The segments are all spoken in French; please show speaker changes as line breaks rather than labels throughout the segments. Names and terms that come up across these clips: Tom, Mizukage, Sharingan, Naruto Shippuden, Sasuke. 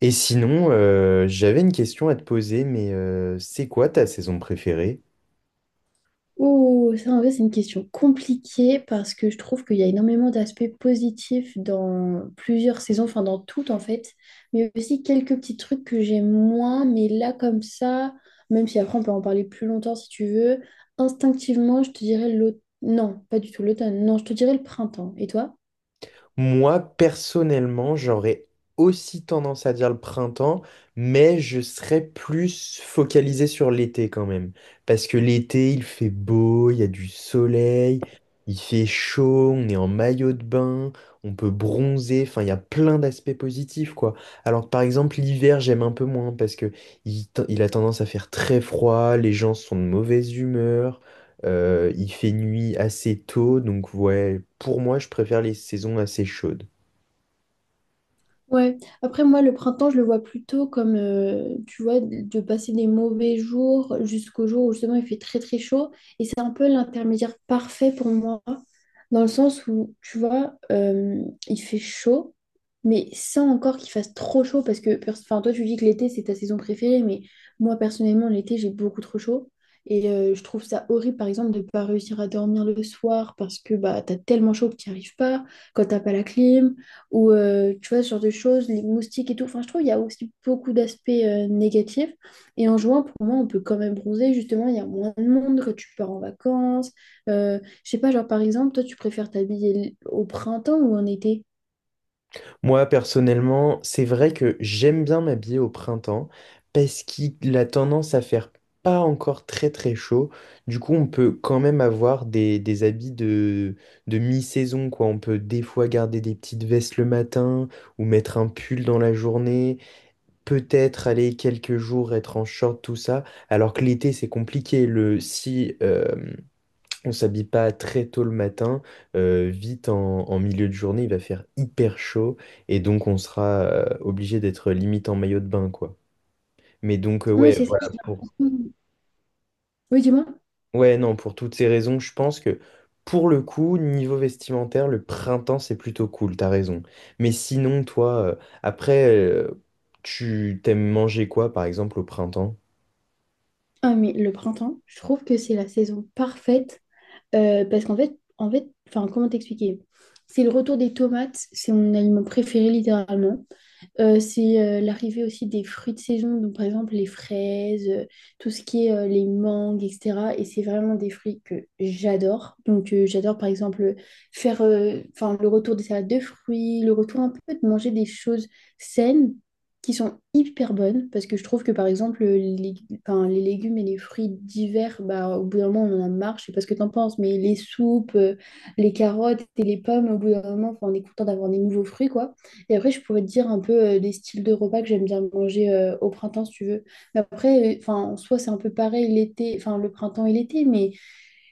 Et sinon, j'avais une question à te poser, mais c'est quoi ta saison préférée?
Ouh, ça en fait, c'est une question compliquée parce que je trouve qu'il y a énormément d'aspects positifs dans plusieurs saisons, enfin dans toutes en fait, mais aussi quelques petits trucs que j'aime moins, mais là comme ça, même si après on peut en parler plus longtemps si tu veux, instinctivement, je te dirais l'automne. Non, pas du tout l'automne, non, je te dirais le printemps. Et toi?
Moi, personnellement, j'aurais aussi tendance à dire le printemps, mais je serais plus focalisé sur l'été quand même. Parce que l'été, il fait beau, il y a du soleil, il fait chaud, on est en maillot de bain, on peut bronzer, enfin, il y a plein d'aspects positifs, quoi. Alors que par exemple, l'hiver, j'aime un peu moins parce que il a tendance à faire très froid, les gens sont de mauvaise humeur. Il fait nuit assez tôt, donc ouais, pour moi, je préfère les saisons assez chaudes.
Ouais, après moi le printemps je le vois plutôt comme tu vois de passer des mauvais jours jusqu'au jour où justement il fait très très chaud et c'est un peu l'intermédiaire parfait pour moi dans le sens où tu vois il fait chaud mais sans encore qu'il fasse trop chaud parce que enfin toi tu dis que l'été c'est ta saison préférée mais moi personnellement l'été j'ai beaucoup trop chaud et je trouve ça horrible par exemple de ne pas réussir à dormir le soir parce que bah t'as tellement chaud que tu n'y arrives pas quand t'as pas la clim ou tu vois, ce genre de choses, les moustiques et tout. Enfin, je trouve qu'il y a aussi beaucoup d'aspects négatifs. Et en jouant, pour moi, on peut quand même bronzer. Justement, il y a moins de monde quand tu pars en vacances. Je sais pas, genre par exemple, toi, tu préfères t'habiller au printemps ou en été?
Moi, personnellement, c'est vrai que j'aime bien m'habiller au printemps parce qu'il a tendance à faire pas encore très très chaud. Du coup, on peut quand même avoir des habits de mi-saison, quoi. On peut des fois garder des petites vestes le matin ou mettre un pull dans la journée, peut-être aller quelques jours être en short, tout ça. Alors que l'été, c'est compliqué. Le, si, On s'habille pas très tôt le matin, vite en milieu de journée, il va faire hyper chaud et donc on sera obligé d'être limite en maillot de bain, quoi. Mais donc,
Oui,
ouais,
c'est ça.
voilà.
je- Oui, dis-moi.
Ouais, non, pour toutes ces raisons, je pense que pour le coup, niveau vestimentaire, le printemps, c'est plutôt cool, t'as raison. Mais sinon, toi, après, euh, tu t'aimes manger quoi, par exemple, au printemps?
Ah, mais le printemps, je trouve que c'est la saison parfaite parce qu'en fait, enfin, comment t'expliquer? C'est le retour des tomates, c'est mon aliment préféré littéralement. C'est l'arrivée aussi des fruits de saison, donc par exemple les fraises, tout ce qui est les mangues, etc. Et c'est vraiment des fruits que j'adore. Donc j'adore par exemple faire enfin, le retour des salades de fruits, le retour un peu de manger des choses saines qui sont hyper bonnes, parce que je trouve que par exemple enfin, les légumes et les fruits d'hiver, bah, au bout d'un moment on en a marre, je sais pas ce que t'en penses, mais les soupes, les carottes et les pommes, au bout d'un moment enfin, on est content d'avoir des nouveaux fruits, quoi. Et après, je pourrais te dire un peu les styles de repas que j'aime bien manger au printemps, si tu veux. Mais après, enfin, en soi, c'est un peu pareil l'été, enfin, le printemps et l'été, mais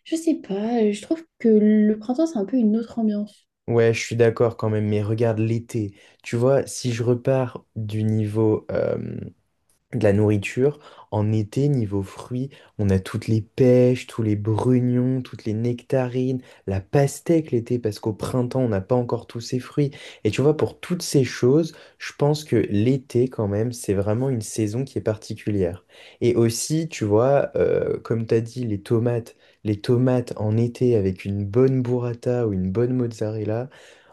je sais pas, je trouve que le printemps, c'est un peu une autre ambiance.
Ouais, je suis d'accord quand même, mais regarde l'été. Tu vois, si je repars du niveau de la nourriture. En été, niveau fruits, on a toutes les pêches, tous les brugnons, toutes les nectarines, la pastèque l'été, parce qu'au printemps, on n'a pas encore tous ces fruits. Et tu vois, pour toutes ces choses, je pense que l'été, quand même, c'est vraiment une saison qui est particulière. Et aussi, tu vois, comme tu as dit, les tomates. Les tomates en été avec une bonne burrata ou une bonne mozzarella,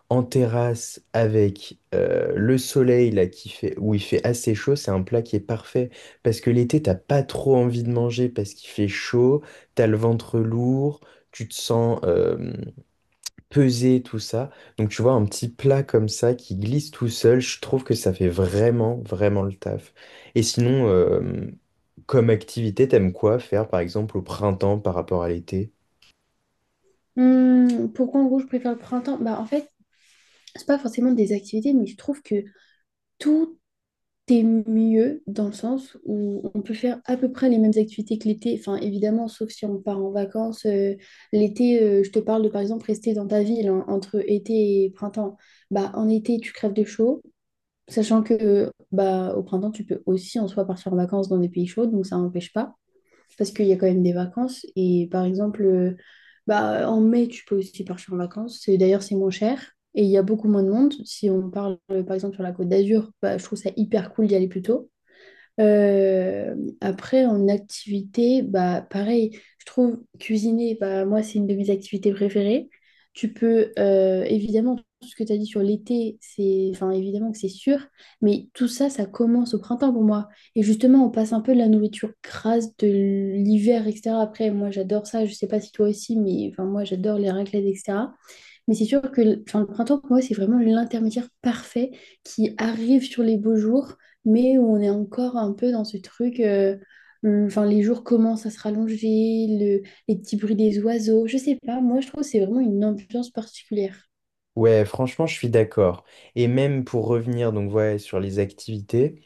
en terrasse avec le soleil là qui fait où il fait assez chaud, c'est un plat qui est parfait parce que l'été t'as pas trop envie de manger parce qu'il fait chaud, t'as le ventre lourd, tu te sens pesé tout ça. Donc tu vois un petit plat comme ça qui glisse tout seul, je trouve que ça fait vraiment vraiment le taf. Et sinon comme activité, t'aimes quoi faire par exemple au printemps par rapport à l'été?
Pourquoi, en gros, je préfère le printemps? Bah, en fait, c'est pas forcément des activités, mais je trouve que tout c'est mieux dans le sens où on peut faire à peu près les mêmes activités que l'été. Enfin, évidemment, sauf si on part en vacances. L'été, je te parle de, par exemple, rester dans ta ville hein, entre été et printemps. Bah, en été, tu crèves de chaud, sachant que bah, au printemps, tu peux aussi en soi partir en vacances dans des pays chauds, donc ça n'empêche pas parce qu'il y a quand même des vacances. Et par exemple, bah, en mai, tu peux aussi partir en vacances. D'ailleurs, c'est moins cher et il y a beaucoup moins de monde. Si on parle, par exemple, sur la Côte d'Azur, bah, je trouve ça hyper cool d'y aller plus tôt. Euh, Après, en activité, bah, pareil, je trouve cuisiner, bah, moi, c'est une de mes activités préférées. Tu peux, évidemment, tout ce que tu as dit sur l'été, c'est, enfin, évidemment que c'est sûr, mais tout ça, ça commence au printemps pour moi. Et justement, on passe un peu de la nourriture grasse de l'hiver, etc. Après, moi, j'adore ça, je sais pas si toi aussi, mais enfin, moi, j'adore les raclettes, etc. Mais c'est sûr que enfin, le printemps, pour moi, c'est vraiment l'intermédiaire parfait qui arrive sur les beaux jours, mais où on est encore un peu dans ce truc. Enfin, les jours commencent à se rallonger, les petits bruits des oiseaux. Je sais pas, moi, je trouve que c'est vraiment une ambiance particulière.
Ouais, franchement, je suis d'accord. Et même pour revenir donc ouais, sur les activités,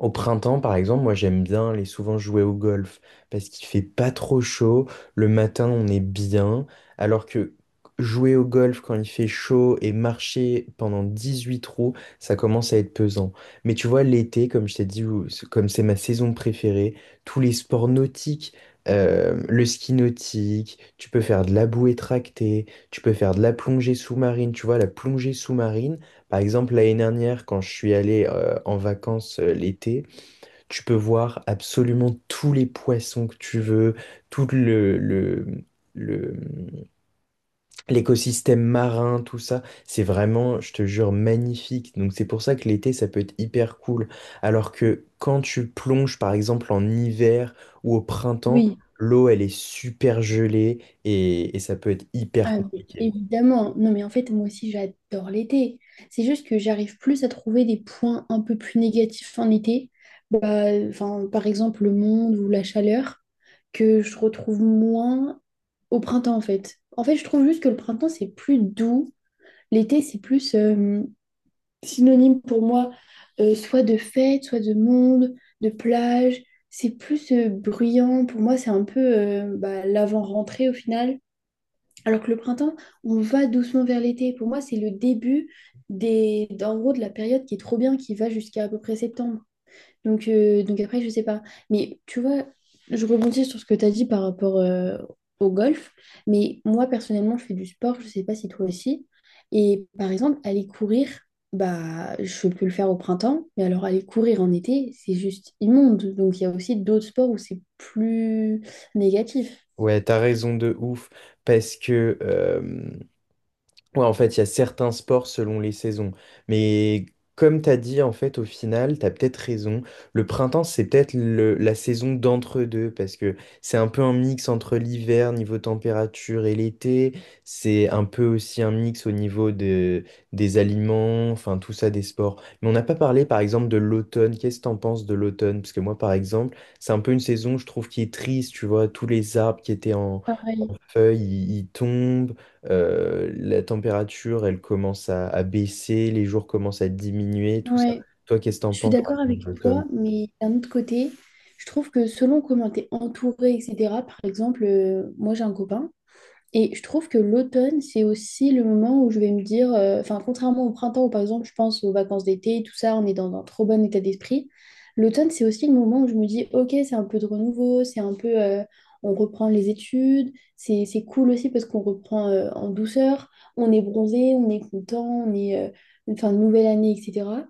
au printemps, par exemple, moi j'aime bien aller souvent jouer au golf parce qu'il fait pas trop chaud. Le matin, on est bien. Alors que jouer au golf quand il fait chaud et marcher pendant 18 trous, ça commence à être pesant. Mais tu vois, l'été, comme je t'ai dit, comme c'est ma saison préférée, tous les sports nautiques, le ski nautique, tu peux faire de la bouée tractée, tu peux faire de la plongée sous-marine. Tu vois, la plongée sous-marine. Par exemple, l'année dernière, quand je suis allé en vacances l'été, tu peux voir absolument tous les poissons que tu veux, tout le- l'écosystème marin, tout ça. C'est vraiment, je te jure, magnifique. Donc c'est pour ça que l'été, ça peut être hyper cool. Alors que quand tu plonges, par exemple, en hiver ou au printemps,
Oui.
l'eau, elle est super gelée et ça peut être hyper
Ah, mais
compliqué.
évidemment. Non, mais en fait, moi aussi, j'adore l'été. C'est juste que j'arrive plus à trouver des points un peu plus négatifs en été. Bah, enfin, par exemple, le monde ou la chaleur, que je retrouve moins au printemps, en fait. En fait, je trouve juste que le printemps, c'est plus doux. L'été, c'est plus synonyme pour moi, soit de fête, soit de monde, de plage. C'est plus bruyant. Pour moi, c'est un peu bah, l'avant-rentrée au final. Alors que le printemps, on va doucement vers l'été. Pour moi, c'est le début des, d'en gros, de la période qui est trop bien, qui va jusqu'à à peu près septembre. Donc après, je sais pas. Mais tu vois, je rebondis sur ce que tu as dit par rapport au golf. Mais moi, personnellement, je fais du sport. Je sais pas si toi aussi. Et par exemple, aller courir, bah, je peux le faire au printemps. Mais alors, aller courir en été, c'est juste immonde. Donc, il y a aussi d'autres sports où c'est plus négatif.
Ouais, t'as raison de ouf, parce que... Ouais, en fait, il y a certains sports selon les saisons. Mais comme tu as dit, en fait, au final, tu as peut-être raison. Le printemps, c'est peut-être la saison d'entre-deux, parce que c'est un peu un mix entre l'hiver, niveau température, et l'été. C'est un peu aussi un mix au niveau des aliments, enfin, tout ça, des sports. Mais on n'a pas parlé, par exemple, de l'automne. Qu'est-ce que t'en penses de l'automne? Parce que moi, par exemple, c'est un peu une saison, je trouve, qui est triste, tu vois, tous les arbres qui étaient en
Pareil.
feuilles ils tombent, la température elle commence à baisser, les jours commencent à diminuer, tout ça.
Ouais.
Toi, qu'est-ce que t'en
Je suis
penses, par
d'accord avec
exemple,
toi,
Tom?
mais d'un autre côté, je trouve que selon comment tu es entouré, etc., par exemple, moi j'ai un copain, et je trouve que l'automne, c'est aussi le moment où je vais me dire, enfin, contrairement au printemps où, par exemple, je pense aux vacances d'été, tout ça, on est dans un trop bon état d'esprit. L'automne, c'est aussi le moment où je me dis, ok, c'est un peu de renouveau, c'est un peu, on reprend les études, c'est cool aussi parce qu'on reprend en douceur, on est bronzé, on est content, on est, enfin, nouvelle année, etc.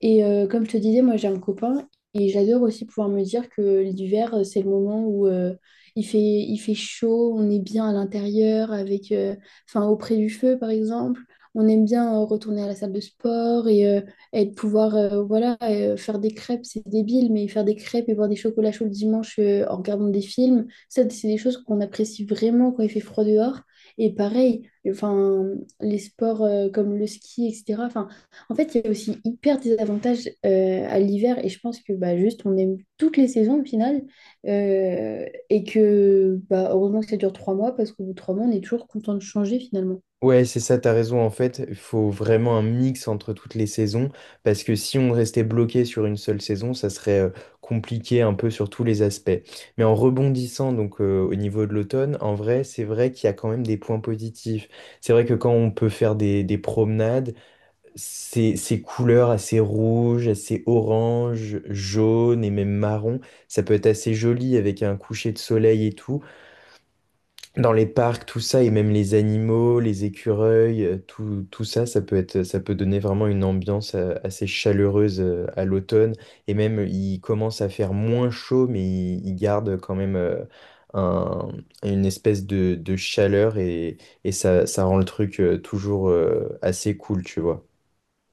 Et comme je te disais, moi, j'ai un copain et j'adore aussi pouvoir me dire que l'hiver, c'est le moment où… il fait chaud, on est bien à l'intérieur, avec, enfin, auprès du feu, par exemple. On aime bien retourner à la salle de sport et de pouvoir voilà, faire des crêpes, c'est débile, mais faire des crêpes et boire des chocolats chauds le dimanche en regardant des films, ça, c'est des choses qu'on apprécie vraiment quand il fait froid dehors. Et pareil, enfin, les sports comme le ski, etc. Enfin, en fait, il y a aussi hyper des avantages à l'hiver et je pense que bah, juste on aime toutes les saisons au final euh, et que bah, heureusement que ça dure 3 mois parce qu'au bout de trois mois, on est toujours content de changer finalement.
Ouais, c'est ça, t'as raison. En fait, il faut vraiment un mix entre toutes les saisons, parce que si on restait bloqué sur une seule saison, ça serait compliqué un peu sur tous les aspects. Mais en rebondissant donc au niveau de l'automne, en vrai, c'est vrai qu'il y a quand même des points positifs. C'est vrai que quand on peut faire des promenades, ces, ces couleurs assez rouges, assez orange, jaune et même marron, ça peut être assez joli avec un coucher de soleil et tout. Dans les parcs, tout ça, et même les animaux, les écureuils, tout ça, ça peut être, ça peut donner vraiment une ambiance assez chaleureuse à l'automne. Et même, il commence à faire moins chaud, mais il garde quand même un- une espèce de chaleur et ça rend le truc toujours assez cool, tu vois.